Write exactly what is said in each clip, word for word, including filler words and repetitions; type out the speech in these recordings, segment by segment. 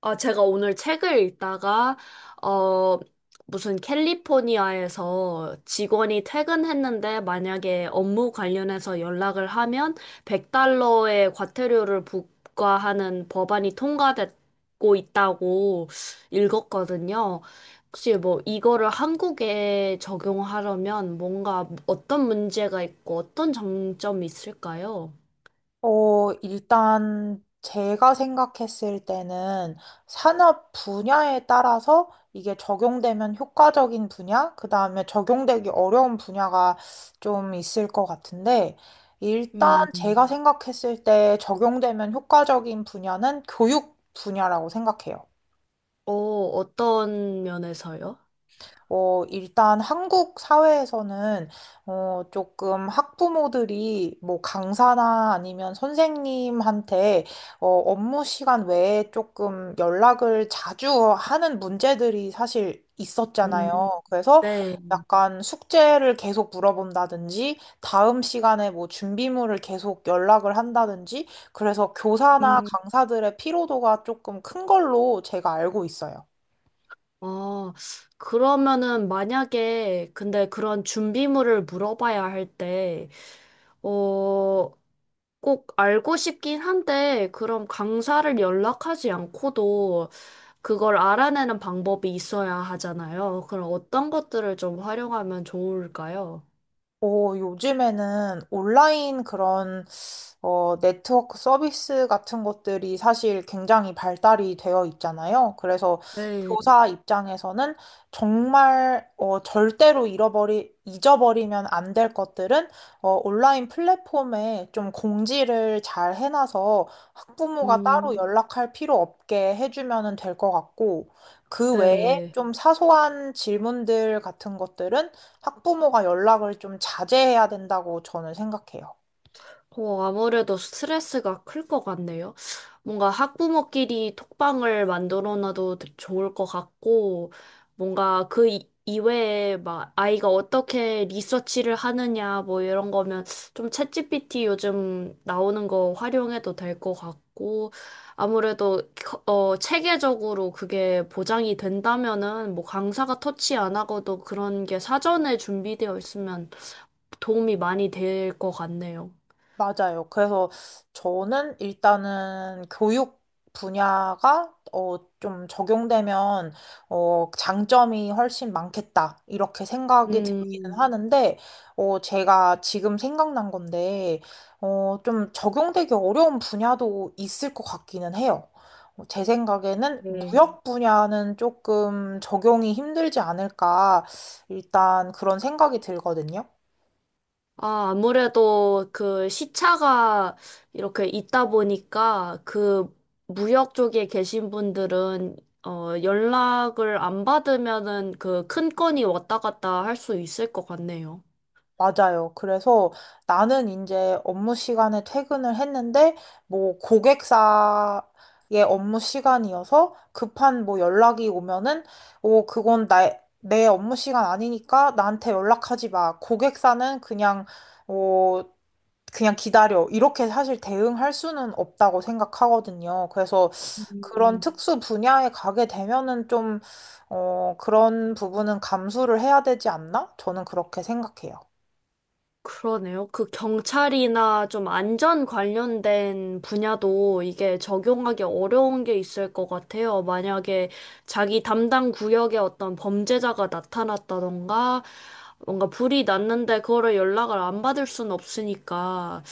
아, 제가 오늘 책을 읽다가, 어, 무슨 캘리포니아에서 직원이 퇴근했는데 만약에 업무 관련해서 연락을 하면 백 달러의 과태료를 부과하는 법안이 통과됐고 있다고 읽었거든요. 혹시 뭐 이거를 한국에 적용하려면 뭔가 어떤 문제가 있고 어떤 장점이 있을까요? 어, 일단 제가 생각했을 때는 산업 분야에 따라서 이게 적용되면 효과적인 분야, 그다음에 적용되기 어려운 분야가 좀 있을 것 같은데, 일단 음, 제가 생각했을 때 적용되면 효과적인 분야는 교육 분야라고 생각해요. 어, 어떤 면에서요? 어, 일단 한국 사회에서는, 어, 조금 학부모들이 뭐 강사나 아니면 선생님한테, 어, 업무 시간 외에 조금 연락을 자주 하는 문제들이 사실 음, 있었잖아요. 그래서 네. 약간 숙제를 계속 물어본다든지, 다음 시간에 뭐 준비물을 계속 연락을 한다든지, 그래서 교사나 음, 강사들의 피로도가 조금 큰 걸로 제가 알고 있어요. 아, 그러면은 만약에 근데 그런 준비물을 물어봐야 할 때, 어, 꼭 알고 싶긴 한데, 그럼 강사를 연락하지 않고도 그걸 알아내는 방법이 있어야 하잖아요. 그럼 어떤 것들을 좀 활용하면 좋을까요? 어, 요즘에는 온라인 그런 어, 네트워크 서비스 같은 것들이 사실 굉장히 발달이 되어 있잖아요. 그래서 네, 교사 입장에서는 정말 어, 절대로 잃어버리, 잊어버리면 안 될 것들은 어, 온라인 플랫폼에 좀 공지를 잘 해놔서 학부모가 따로 음, 연락할 필요 없게 해주면 될 것 같고, 그 외에 네. 좀 사소한 질문들 같은 것들은 학부모가 연락을 좀 자제해야 된다고 저는 생각해요. 어, 아무래도 스트레스가 클 것 같네요. 뭔가 학부모끼리 톡방을 만들어 놔도 되- 좋을 것 같고, 뭔가 그 이- 이외에 막 아이가 어떻게 리서치를 하느냐, 뭐 이런 거면 좀 챗지피티 요즘 나오는 거 활용해도 될 것 같고, 아무래도 겨- 어, 체계적으로 그게 보장이 된다면은 뭐 강사가 터치 안 하고도 그런 게 사전에 준비되어 있으면 도움이 많이 될 것 같네요. 맞아요. 그래서 저는 일단은 교육 분야가 어, 좀 적용되면 어, 장점이 훨씬 많겠다. 이렇게 생각이 들기는 음, 하는데 어, 제가 지금 생각난 건데 어, 좀 적용되기 어려운 분야도 있을 것 같기는 해요. 어, 제 생각에는 네. 무역 분야는 조금 적용이 힘들지 않을까 일단 그런 생각이 들거든요. 아, 아무래도 그 시차가 이렇게 있다 보니까 그 무역 쪽에 계신 분들은 어, 연락을 안 받으면은 그 큰 건이 왔다 갔다 할 수 있을 것 같네요. 맞아요. 그래서 나는 이제 업무 시간에 퇴근을 했는데, 뭐, 고객사의 업무 시간이어서 급한 뭐 연락이 오면은, 어, 그건 나, 내 업무 시간 아니니까 나한테 연락하지 마. 고객사는 그냥, 어, 그냥 기다려. 이렇게 사실 대응할 수는 없다고 생각하거든요. 그래서 그런 특수 분야에 가게 되면은 좀, 어, 그런 부분은 감수를 해야 되지 않나? 저는 그렇게 생각해요. 그러네요. 그 경찰이나 좀 안전 관련된 분야도 이게 적용하기 어려운 게 있을 것 같아요. 만약에 자기 담당 구역에 어떤 범죄자가 나타났다던가 뭔가 불이 났는데 그거를 연락을 안 받을 순 없으니까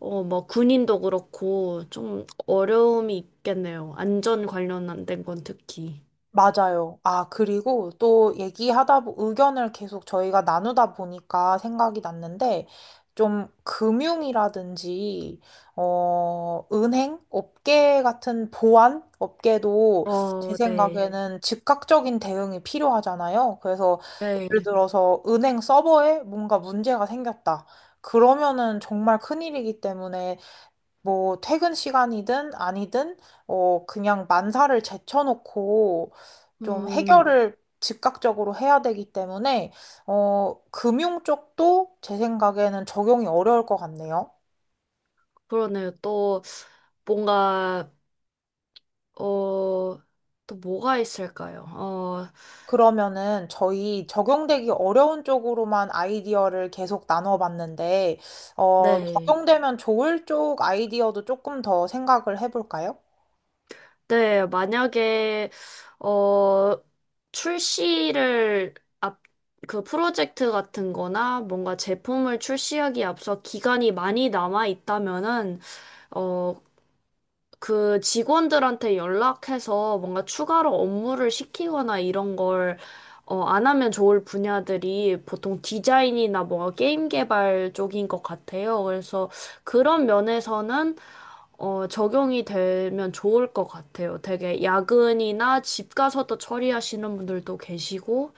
어, 뭐 군인도 그렇고 좀 어려움이 있겠네요. 안전 관련된 건 특히. 맞아요. 아, 그리고 또 얘기하다, 보- 의견을 계속 저희가 나누다 보니까 생각이 났는데, 좀 금융이라든지, 어, 은행, 업계 같은 보안 업계도 제 어, 네. 생각에는 즉각적인 대응이 필요하잖아요. 그래서 예를 네. 들어서 은행 서버에 뭔가 문제가 생겼다. 그러면은 정말 큰일이기 때문에 뭐 퇴근 시간이든 아니든 어 그냥 만사를 제쳐놓고 좀 음, 해결을 즉각적으로 해야 되기 때문에 어 금융 쪽도 제 생각에는 적용이 어려울 것 같네요. 그러네요. 또 뭔가 어, 또 뭐가 있을까요? 어, 그러면은 저희 적용되기 어려운 쪽으로만 아이디어를 계속 나눠봤는데 어 네. 적용되면 좋을 쪽 아이디어도 조금 더 생각을 해볼까요? 네, 만약에, 어, 출시를 앞, 그 프로젝트 같은 거나 뭔가 제품을 출시하기 앞서 기간이 많이 남아 있다면은, 어, 그 직원들한테 연락해서 뭔가 추가로 업무를 시키거나 이런 걸, 어, 안 하면 좋을 분야들이 보통 디자인이나 뭔가 게임 개발 쪽인 것 같아요. 그래서 그런 면에서는, 어, 적용이 되면 좋을 것 같아요. 되게 야근이나 집 가서도 처리하시는 분들도 계시고,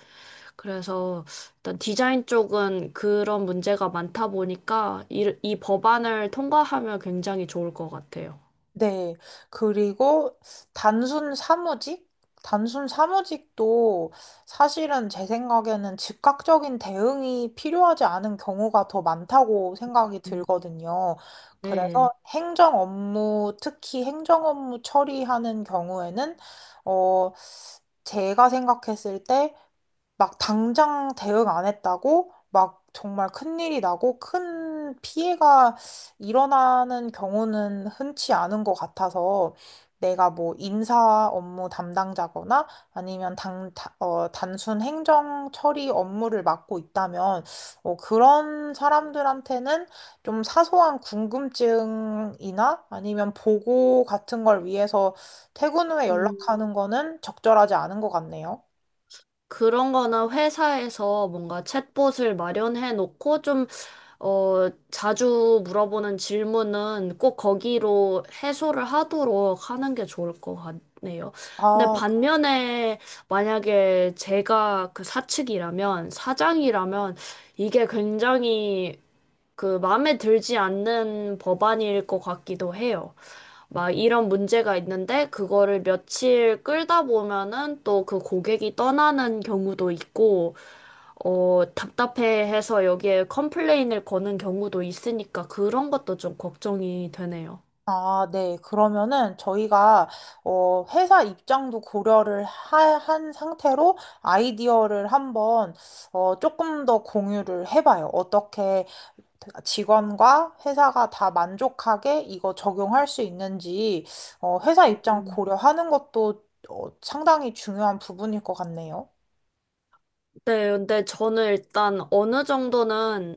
그래서 일단 디자인 쪽은 그런 문제가 많다 보니까 이, 이 법안을 통과하면 굉장히 좋을 것 같아요. 네. 그리고 단순 사무직? 단순 사무직도 사실은 제 생각에는 즉각적인 대응이 필요하지 않은 경우가 더 많다고 생각이 들거든요. 네. 그래서 행정 업무, 특히 행정 업무 처리하는 경우에는, 어, 제가 생각했을 때 막 당장 대응 안 했다고 막 정말 큰일이 나고 큰 피해가 일어나는 경우는 흔치 않은 것 같아서 내가 뭐 인사 업무 담당자거나 아니면 당, 다- 어, 단순 행정 처리 업무를 맡고 있다면 어, 그런 사람들한테는 좀 사소한 궁금증이나 아니면 보고 같은 걸 위해서 퇴근 후에 음, 연락하는 거는 적절하지 않은 것 같네요. 그런 거는 회사에서 뭔가 챗봇을 마련해 놓고 좀, 어, 자주 물어보는 질문은 꼭 거기로 해소를 하도록 하는 게 좋을 것 같네요. 근데 아, 반면에 만약에 제가 그 사측이라면, 사장이라면 이게 굉장히 그 마음에 들지 않는 법안일 것 같기도 해요. 막 이런 문제가 있는데 그거를 며칠 끌다 보면은 또 그 고객이 떠나는 경우도 있고 어 답답해해서 여기에 컴플레인을 거는 경우도 있으니까 그런 것도 좀 걱정이 되네요. 아, 네. 그러면은 저희가 어, 회사 입장도 고려를 하- 한 상태로 아이디어를 한번 어, 조금 더 공유를 해봐요. 어떻게 직원과 회사가 다 만족하게 이거 적용할 수 있는지 어, 회사 입장 음. 고려하는 것도 어, 상당히 중요한 부분일 것 같네요. 네, 근데 저는 일단 어느 정도는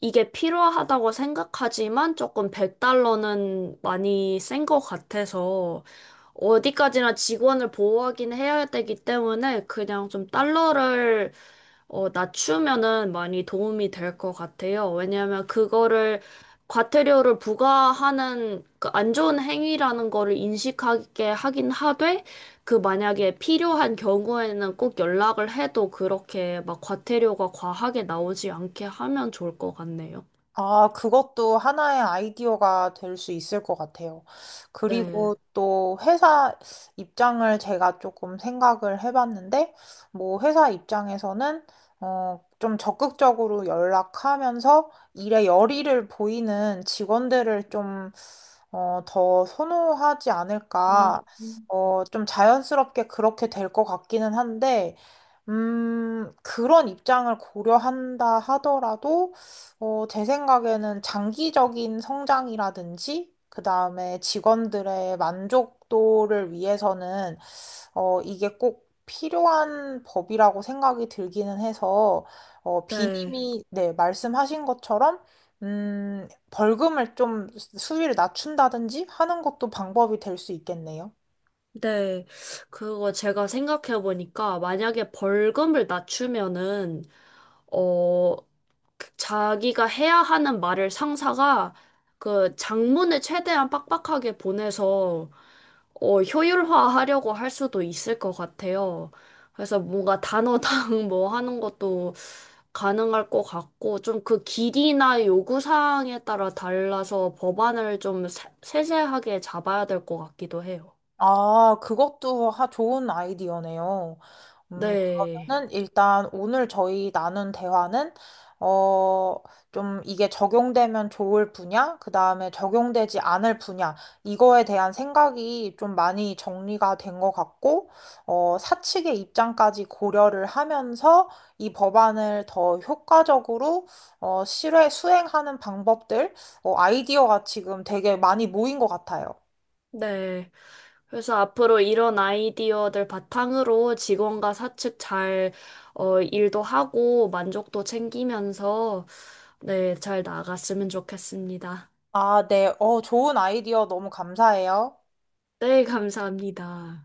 이게 필요하다고 생각하지만 조금 백 달러는 많이 센 것 같아서 어디까지나 직원을 보호하긴 해야 되기 때문에 그냥 좀 달러를 어, 낮추면은 많이 도움이 될 것 같아요. 왜냐하면 그거를 과태료를 부과하는 그 안 좋은 행위라는 거를 인식하게 하긴 하되 그 만약에 필요한 경우에는 꼭 연락을 해도 그렇게 막 과태료가 과하게 나오지 않게 하면 좋을 것 같네요. 아, 그것도 하나의 아이디어가 될 수 있을 것 같아요. 네. 그리고 또 회사 입장을 제가 조금 생각을 해봤는데, 뭐 회사 입장에서는 어, 좀 적극적으로 연락하면서 일에 열의를 보이는 직원들을 좀 어, 더 선호하지 음, 않을까. 음. 어, 좀 자연스럽게 그렇게 될 것 같기는 한데, 음, 그런 입장을 고려한다 하더라도 어, 제 생각에는 장기적인 성장이라든지, 그 다음에 직원들의 만족도를 위해서는, 어, 이게 꼭 필요한 법이라고 생각이 들기는 해서, 어, 네, 비님이, 네, 말씀하신 것처럼, 음, 벌금을 좀 수위를 낮춘다든지 하는 것도 방법이 될 수 있겠네요. 네. 그거 제가 생각해 보니까 만약에 벌금을 낮추면은 어, 그 자기가 해야 하는 말을 상사가 그 장문을 최대한 빡빡하게 보내서 어, 효율화하려고 할 수도 있을 것 같아요. 그래서 뭔가 단어당 뭐 하는 것도 가능할 것 같고 좀 그 길이나 요구사항에 따라 달라서 법안을 좀 세- 세세하게 잡아야 될 것 같기도 해요. 아, 그것도 하- 좋은 아이디어네요. 음, 네. 그러면은 일단 오늘 저희 나눈 대화는, 어, 좀 이게 적용되면 좋을 분야, 그 다음에 적용되지 않을 분야, 이거에 대한 생각이 좀 많이 정리가 된 것 같고, 어, 사측의 입장까지 고려를 하면서 이 법안을 더 효과적으로, 어, 실외, 수행하는 방법들, 어, 아이디어가 지금 되게 많이 모인 것 같아요. 네. 그래서 앞으로 이런 아이디어들 바탕으로 직원과 사측 잘, 어, 일도 하고 만족도 챙기면서, 네, 잘 나갔으면 좋겠습니다. 아, 네. 어, 좋은 아이디어 너무 감사해요. 네, 감사합니다.